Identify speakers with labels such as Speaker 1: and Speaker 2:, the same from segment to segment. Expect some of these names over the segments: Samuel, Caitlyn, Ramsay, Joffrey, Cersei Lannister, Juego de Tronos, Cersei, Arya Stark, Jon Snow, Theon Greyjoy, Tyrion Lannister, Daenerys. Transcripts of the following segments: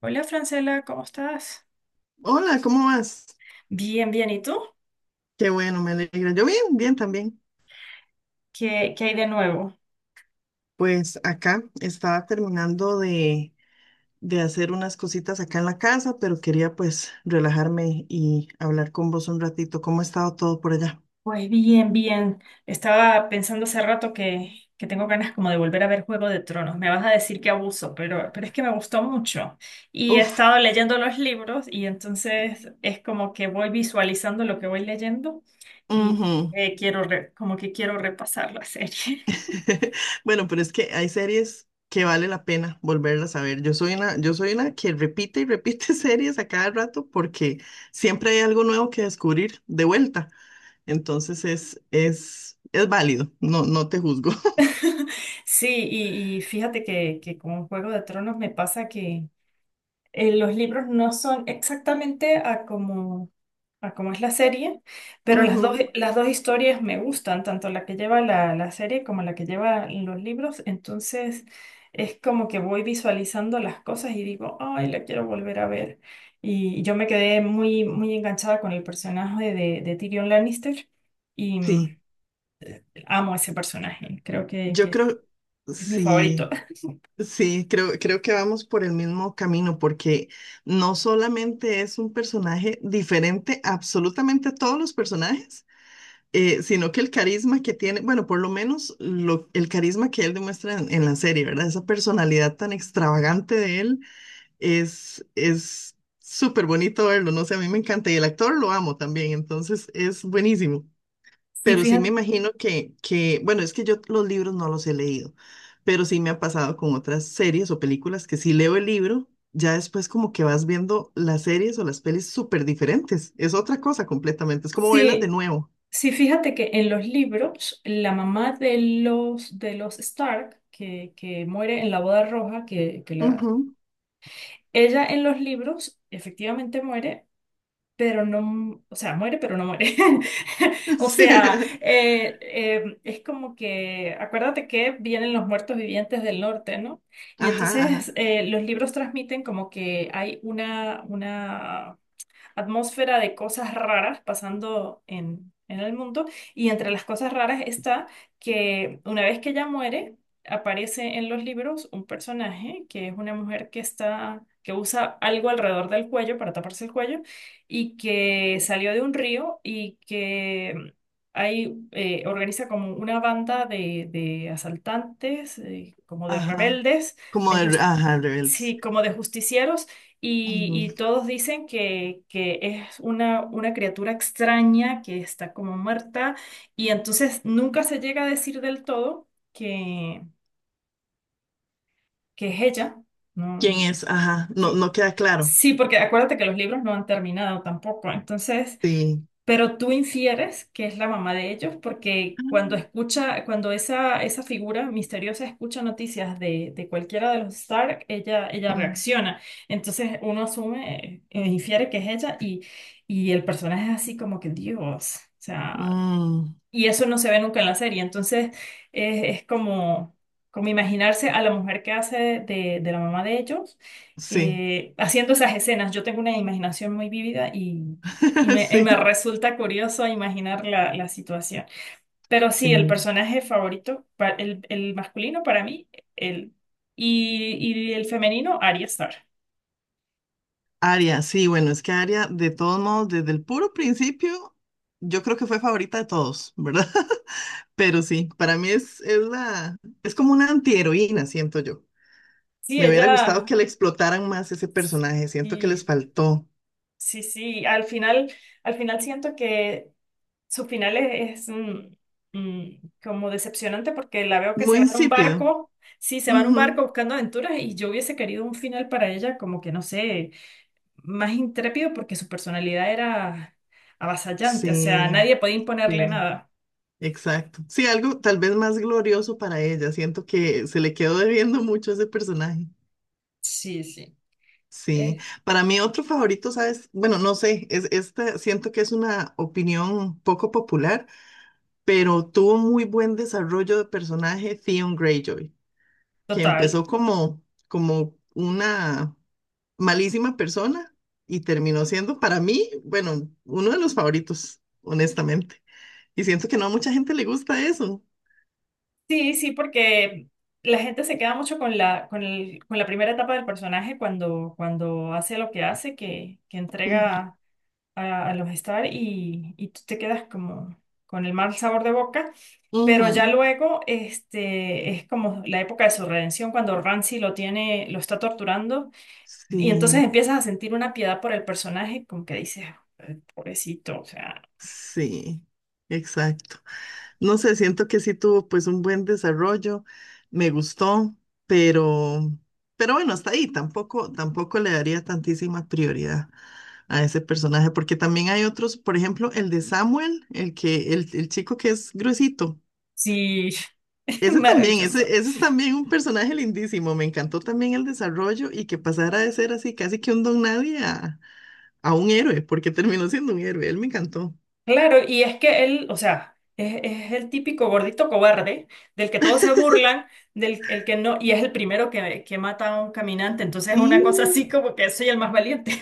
Speaker 1: Hola Francela, ¿cómo estás?
Speaker 2: Hola, ¿cómo vas?
Speaker 1: Bien, bien. ¿Y tú?
Speaker 2: Qué bueno, me alegra. Yo bien, bien también.
Speaker 1: ¿Qué hay de nuevo?
Speaker 2: Pues acá estaba terminando de hacer unas cositas acá en la casa, pero quería pues relajarme y hablar con vos un ratito. ¿Cómo ha estado todo por allá?
Speaker 1: Pues bien, bien. Estaba pensando hace rato que tengo ganas como de volver a ver Juego de Tronos. Me vas a decir que abuso, pero es que me gustó mucho. Y he
Speaker 2: Uf,
Speaker 1: estado leyendo los libros y entonces es como que voy visualizando lo que voy leyendo y
Speaker 2: ujú.
Speaker 1: como que quiero repasar la serie.
Speaker 2: Bueno, pero es que hay series que vale la pena volverlas a ver. Yo soy una que repite y repite series a cada rato porque siempre hay algo nuevo que descubrir de vuelta. Entonces es válido, no, no te juzgo.
Speaker 1: Sí, y fíjate que con Juego de Tronos me pasa que los libros no son exactamente a como es la serie, pero las dos,
Speaker 2: Ujú.
Speaker 1: las dos historias me gustan, tanto la que lleva la serie como la que lleva los libros. Entonces es como que voy visualizando las cosas y digo, ay, la quiero volver a ver. Y yo me quedé muy enganchada con el personaje de Tyrion Lannister y
Speaker 2: Sí,
Speaker 1: amo ese personaje. Creo que,
Speaker 2: yo
Speaker 1: que
Speaker 2: creo,
Speaker 1: es mi favorito.
Speaker 2: sí, sí, creo que vamos por el mismo camino, porque no solamente es un personaje diferente absolutamente a todos los personajes, sino que el carisma que tiene, bueno, por lo menos lo- el carisma que él demuestra en la serie, ¿verdad? Esa personalidad tan extravagante de él es súper bonito verlo, no sé, a mí me encanta y el actor lo amo también, entonces es buenísimo.
Speaker 1: Sí,
Speaker 2: Pero sí me
Speaker 1: fíjate.
Speaker 2: imagino que, bueno, es que yo los libros no los he leído, pero sí me ha pasado con otras series o películas que si leo el libro, ya después como que vas viendo las series o las pelis súper diferentes. Es otra cosa completamente, es como verlas de
Speaker 1: Sí,
Speaker 2: nuevo.
Speaker 1: sí, fíjate que en los libros, la mamá de los Stark, que muere en la boda roja,
Speaker 2: Ujú.
Speaker 1: ella en los libros efectivamente muere, pero no, o sea, muere, pero no muere. O sea,
Speaker 2: Sí.
Speaker 1: es como que, acuérdate que vienen los muertos vivientes del norte, ¿no? Y
Speaker 2: Ajá,
Speaker 1: entonces
Speaker 2: ajá,
Speaker 1: los libros transmiten como que hay una atmósfera de cosas raras pasando en el mundo. Y entre las cosas raras está que una vez que ella muere, aparece en los libros un personaje que es una mujer que está, que usa algo alrededor del cuello para taparse el cuello y que salió de un río y que ahí organiza como una banda de asaltantes, como de
Speaker 2: ajá.
Speaker 1: rebeldes,
Speaker 2: Como
Speaker 1: de
Speaker 2: de, re-
Speaker 1: jus-
Speaker 2: ajá, rebeldes.
Speaker 1: sí, como de justicieros y,
Speaker 2: Ujú.
Speaker 1: y todos dicen que es una criatura extraña que está como muerta y entonces nunca se llega a decir del todo que es ella.
Speaker 2: ¿Quién
Speaker 1: No,
Speaker 2: es? Ajá, no,
Speaker 1: sí.
Speaker 2: no queda claro.
Speaker 1: Sí, porque acuérdate que los libros no han terminado tampoco. Entonces,
Speaker 2: Sí.
Speaker 1: pero tú infieres que es la mamá de ellos porque cuando
Speaker 2: Ah.
Speaker 1: escucha, cuando esa figura misteriosa escucha noticias de cualquiera de los Stark, ella
Speaker 2: Mm,
Speaker 1: reacciona. Entonces uno asume, infiere que es ella y el personaje es así como que Dios. O sea,
Speaker 2: mm,
Speaker 1: y eso no se ve nunca en la serie. Entonces es como, como imaginarse a la mujer que hace de la mamá de ellos
Speaker 2: sí,
Speaker 1: haciendo esas escenas. Yo tengo una imaginación muy vívida y, y me, y
Speaker 2: sí,
Speaker 1: me resulta curioso imaginar la situación. Pero sí, el
Speaker 2: sí.
Speaker 1: personaje favorito, el masculino para mí, el, y, y el femenino, Arya Stark.
Speaker 2: Aria, sí, bueno, es que Aria, de todos modos, desde el puro principio, yo creo que fue favorita de todos, ¿verdad? Pero sí, para mí es la, es como una antiheroína, siento yo.
Speaker 1: Sí,
Speaker 2: Me hubiera gustado
Speaker 1: ella,
Speaker 2: que le explotaran más ese personaje, siento que les
Speaker 1: y,
Speaker 2: faltó.
Speaker 1: sí, sí, al final siento que su final es, como decepcionante porque la veo que
Speaker 2: Muy
Speaker 1: se va en un
Speaker 2: insípido.
Speaker 1: barco, sí, se va en un barco
Speaker 2: Ujú.
Speaker 1: buscando aventuras y yo hubiese querido un final para ella como que, no sé, más intrépido porque su personalidad era avasallante, o sea,
Speaker 2: Sí,
Speaker 1: nadie podía imponerle
Speaker 2: sí,
Speaker 1: nada.
Speaker 2: exacto. Sí, algo tal vez más glorioso para ella, siento que se le quedó debiendo mucho a ese personaje.
Speaker 1: Sí, sí.
Speaker 2: Sí,
Speaker 1: Eh,
Speaker 2: para mí otro favorito, ¿sabes? Bueno, no sé, es este, siento que es una opinión poco popular, pero tuvo muy buen desarrollo de personaje Theon Greyjoy, que
Speaker 1: total.
Speaker 2: empezó como, como una malísima persona y terminó siendo para mí, bueno, uno de los favoritos, honestamente. Y siento que no a mucha gente le gusta eso.
Speaker 1: Sí, sí, porque la gente se queda mucho con la, con la primera etapa del personaje cuando, cuando hace lo que hace, que
Speaker 2: Ujú,
Speaker 1: entrega. A, a los estar y tú te quedas como con el mal sabor de boca, pero ya
Speaker 2: ujú.
Speaker 1: luego este, es como la época de su redención cuando Ramsay lo tiene, lo está torturando y entonces
Speaker 2: Sí,
Speaker 1: empiezas a sentir una piedad por el personaje, como que dices, "Ay, pobrecito, o sea,
Speaker 2: sí, exacto. No sé, siento que sí tuvo pues un buen desarrollo, me gustó, pero, pero bueno, hasta ahí tampoco, tampoco le daría tantísima prioridad a ese personaje, porque también hay otros, por ejemplo, el de Samuel, el que, el chico que es gruesito.
Speaker 1: sí,
Speaker 2: Ese también, ese,
Speaker 1: maravilloso.
Speaker 2: ese es también un personaje lindísimo. Me encantó también el desarrollo y que pasara de ser así casi que un don nadie a, a un héroe, porque terminó siendo un héroe. Él me encantó.
Speaker 1: Claro, y es que él, o sea... es el típico gordito cobarde del que todos se burlan, del el que no, y es el primero que mata a un caminante, entonces es una
Speaker 2: Sí,
Speaker 1: cosa así como que soy el más valiente.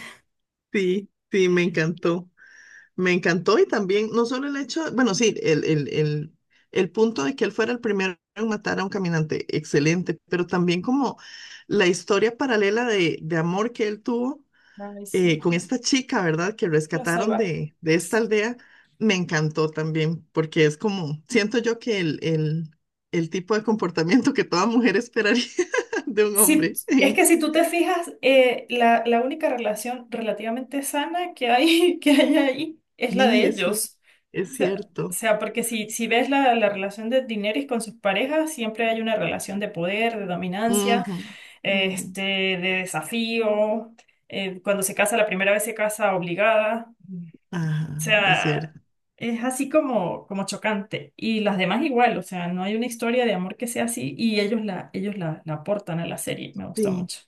Speaker 2: sí, sí, me encantó. Me encantó y también, no solo el hecho, bueno, sí, el punto de que él fuera el primero en matar a un caminante, excelente, pero también como la historia paralela de amor que él tuvo
Speaker 1: Ay, sí,
Speaker 2: con esta chica, ¿verdad? Que
Speaker 1: la
Speaker 2: rescataron
Speaker 1: salvaje.
Speaker 2: de esta
Speaker 1: Sí.
Speaker 2: aldea, me encantó también, porque es como, siento yo que el tipo de comportamiento que toda mujer esperaría de un
Speaker 1: Si,
Speaker 2: hombre.
Speaker 1: es que si tú te fijas, la única relación relativamente sana que hay, que hay ahí es la
Speaker 2: Sí,
Speaker 1: de
Speaker 2: es, cier-
Speaker 1: ellos.
Speaker 2: es
Speaker 1: O
Speaker 2: cierto.
Speaker 1: sea, porque si, si ves la relación de Daenerys con sus parejas, siempre hay una relación de poder, de dominancia,
Speaker 2: Ujú, ujú.
Speaker 1: este, de desafío. Cuando se casa la primera vez se casa obligada. O
Speaker 2: Ajá, es cierto.
Speaker 1: sea, es así como, como chocante. Y las demás igual, o sea, no hay una historia de amor que sea así y ellos la, la aportan a la serie. Me gusta
Speaker 2: Sí,
Speaker 1: mucho.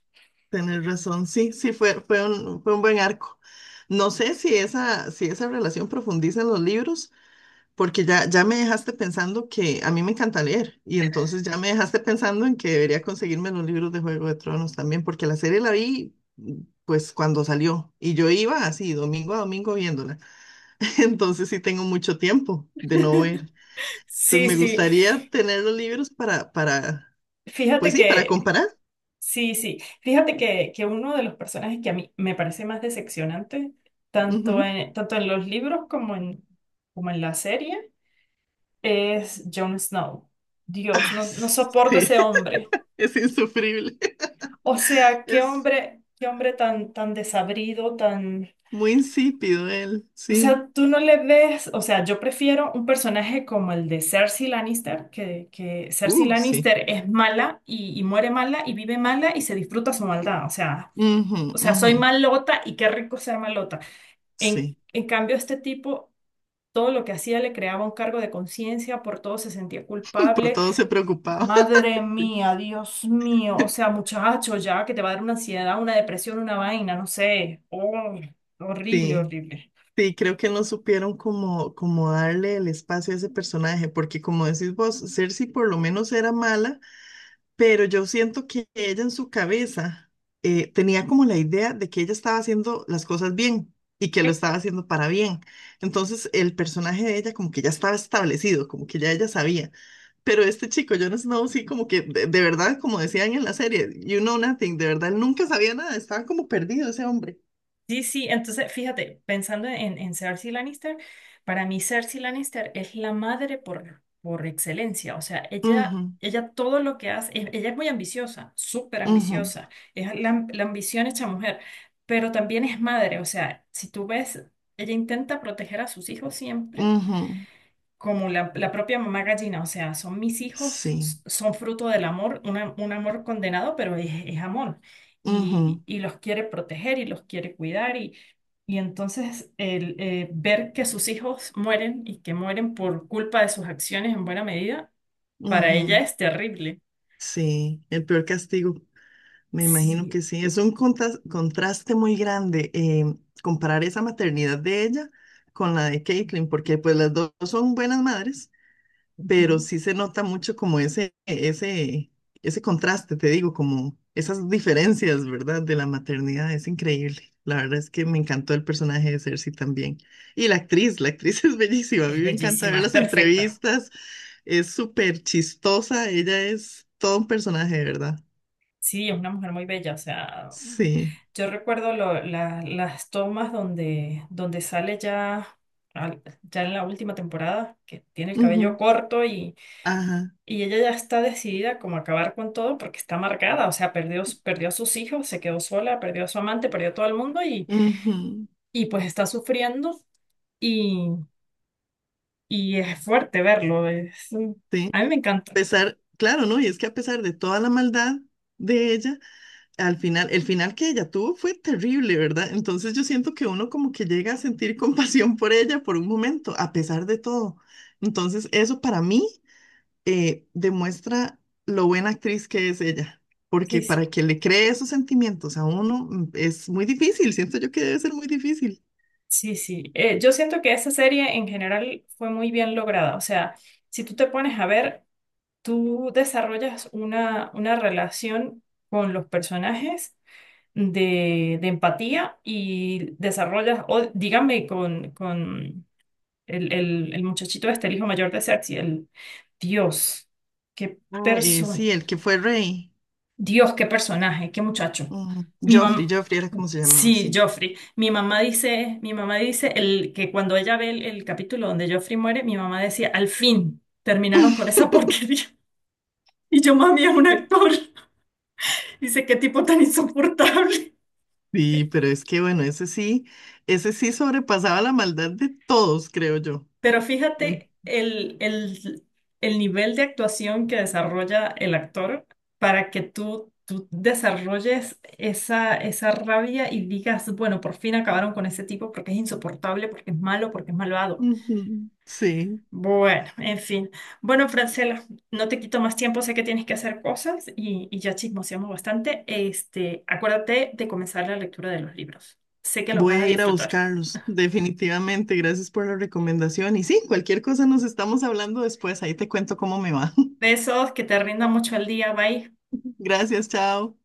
Speaker 2: tenés razón. Sí, sí, fue, fue un buen arco. No sé si esa, si esa relación profundiza en los libros, porque ya, ya me dejaste pensando que a mí me encanta leer, y entonces ya me dejaste pensando en que debería conseguirme los libros de Juego de Tronos también, porque la serie la vi pues cuando salió, y yo iba así, domingo a domingo viéndola. Entonces sí tengo mucho tiempo de no ver. Entonces
Speaker 1: Sí,
Speaker 2: me
Speaker 1: sí.
Speaker 2: gustaría tener los libros pues
Speaker 1: Fíjate
Speaker 2: sí, para
Speaker 1: que,
Speaker 2: comparar.
Speaker 1: sí, sí. Fíjate que uno de los personajes que a mí me parece más decepcionante, tanto
Speaker 2: Ujú.
Speaker 1: en, tanto en los libros como en, como en la serie, es Jon Snow. Dios,
Speaker 2: Ah,
Speaker 1: no, no soporto
Speaker 2: sí.
Speaker 1: ese hombre.
Speaker 2: Es insufrible.
Speaker 1: O sea,
Speaker 2: Es
Speaker 1: qué hombre tan, tan desabrido, tan...
Speaker 2: muy insípido él,
Speaker 1: O
Speaker 2: sí.
Speaker 1: sea, tú no le ves, o sea, yo prefiero un personaje como el de Cersei Lannister, que Cersei
Speaker 2: Sí.
Speaker 1: Lannister es mala y muere mala y vive mala y se disfruta su maldad.
Speaker 2: Ujú,
Speaker 1: O sea,
Speaker 2: ujú.
Speaker 1: soy malota y qué rico ser malota. En,
Speaker 2: Sí.
Speaker 1: en cambio, este tipo, todo lo que hacía le creaba un cargo de conciencia, por todo se sentía
Speaker 2: Por
Speaker 1: culpable.
Speaker 2: todo se preocupaba.
Speaker 1: Madre
Speaker 2: Sí,
Speaker 1: mía, Dios mío, o sea, muchacho, ya que te va a dar una ansiedad, una depresión, una vaina, no sé. Oh, horrible,
Speaker 2: sí,
Speaker 1: horrible.
Speaker 2: sí, creo que no supieron cómo, cómo darle el espacio a ese personaje, porque como decís vos, Cersei por lo menos era mala. Pero yo siento que ella en su cabeza tenía como la idea de que ella estaba haciendo las cosas bien y que lo estaba haciendo para bien. Entonces el personaje de ella como que ya estaba establecido, como que ya ella sabía. Pero este chico, Jon Snow, sí como que de verdad, como decían en la serie, you know nothing, de verdad, él nunca sabía nada, estaba como perdido ese hombre.
Speaker 1: Sí, sí, entonces fíjate, pensando en Cersei Lannister, para mí Cersei Lannister es la madre por excelencia, o sea, ella,
Speaker 2: Ujú,
Speaker 1: ella todo lo que hace, ella es muy ambiciosa, súper
Speaker 2: ujú,
Speaker 1: ambiciosa, es la, la ambición hecha mujer, pero también es madre, o sea, si tú ves, ella intenta proteger a sus hijos siempre,
Speaker 2: ujú.
Speaker 1: como la propia mamá gallina, o sea, son mis hijos,
Speaker 2: Sí,
Speaker 1: son fruto del amor, un amor condenado, pero es amor.
Speaker 2: ujú,
Speaker 1: Y los quiere proteger y los quiere cuidar. Y entonces el ver que sus hijos mueren y que mueren por culpa de sus acciones en buena medida, para ella
Speaker 2: ujú.
Speaker 1: es terrible.
Speaker 2: Sí, el peor castigo. Me imagino
Speaker 1: Sí,
Speaker 2: que sí, es un contas- contraste muy grande comparar esa maternidad de ella con la de Caitlyn, porque pues las dos son buenas madres, pero
Speaker 1: ujú.
Speaker 2: sí se nota mucho como ese, ese contraste, te digo, como esas diferencias, ¿verdad? De la maternidad, es increíble. La verdad es que me encantó el personaje de Cersei también. Y la actriz es bellísima, a
Speaker 1: Es
Speaker 2: mí me encanta
Speaker 1: bellísima,
Speaker 2: ver
Speaker 1: es
Speaker 2: las
Speaker 1: perfecta.
Speaker 2: entrevistas, es súper chistosa, ella es todo un personaje, ¿verdad?
Speaker 1: Sí, es una mujer muy bella, o sea.
Speaker 2: Sí.
Speaker 1: Yo recuerdo las tomas donde, donde sale ya, ya en la última temporada, que tiene el cabello
Speaker 2: Ujú.
Speaker 1: corto
Speaker 2: Ajá.
Speaker 1: y ella ya está decidida como a acabar con todo porque está amargada, o sea, perdió, perdió a sus hijos, se quedó sola, perdió a su amante, perdió a todo el mundo
Speaker 2: Ujú.
Speaker 1: y pues está sufriendo y, y es fuerte verlo. Es,
Speaker 2: Sí.
Speaker 1: a mí me
Speaker 2: A
Speaker 1: encanta.
Speaker 2: pesar, claro, ¿no? Y es que a pesar de toda la maldad de ella, al final, el final que ella tuvo fue terrible, ¿verdad? Entonces yo siento que uno como que llega a sentir compasión por ella por un momento, a pesar de todo. Entonces, eso para mí demuestra lo buena actriz que es ella, porque
Speaker 1: Sí, sí,
Speaker 2: para que le cree esos sentimientos a uno es muy difícil, siento yo que debe ser muy difícil.
Speaker 1: sí. Sí. Yo siento que esa serie en general fue muy bien lograda, o sea, si tú te pones a ver... Tú desarrollas una relación con los personajes de empatía y desarrollas, o dígame, con el muchachito este, el hijo mayor de Cersei, el Dios, qué
Speaker 2: Ah.
Speaker 1: persona,
Speaker 2: Sí, el que fue rey,
Speaker 1: Dios, qué personaje, qué muchacho.
Speaker 2: ujú,
Speaker 1: Mi
Speaker 2: Joffrey,
Speaker 1: mamá,
Speaker 2: Joffrey era como se llamaba,
Speaker 1: sí,
Speaker 2: sí.
Speaker 1: Joffrey. Mi mamá dice el, que cuando ella ve el capítulo donde Joffrey muere, mi mamá decía, al fin, terminaron con esa porquería. Y yo, mami, es un
Speaker 2: Sí.
Speaker 1: actor. Dice, qué tipo tan insoportable.
Speaker 2: Sí, pero es que bueno, ese sí sobrepasaba la maldad de todos, creo yo.
Speaker 1: Pero
Speaker 2: Lu.
Speaker 1: fíjate el nivel de actuación que desarrolla el actor para que tú desarrolles esa rabia y digas, bueno, por fin acabaron con ese tipo porque es insoportable, porque es malo, porque es malvado.
Speaker 2: Ujú. Sí,
Speaker 1: Bueno, en fin. Bueno, Francela, no te quito más tiempo, sé que tienes que hacer cosas y ya chismoseamos bastante. Este, acuérdate de comenzar la lectura de los libros. Sé que los
Speaker 2: voy
Speaker 1: vas a
Speaker 2: a ir a
Speaker 1: disfrutar.
Speaker 2: buscarlos, definitivamente. Gracias por la recomendación. Y sí, cualquier cosa nos estamos hablando después. Ahí te cuento cómo me va.
Speaker 1: Besos, que te rinda mucho el día, bye.
Speaker 2: Gracias, chao.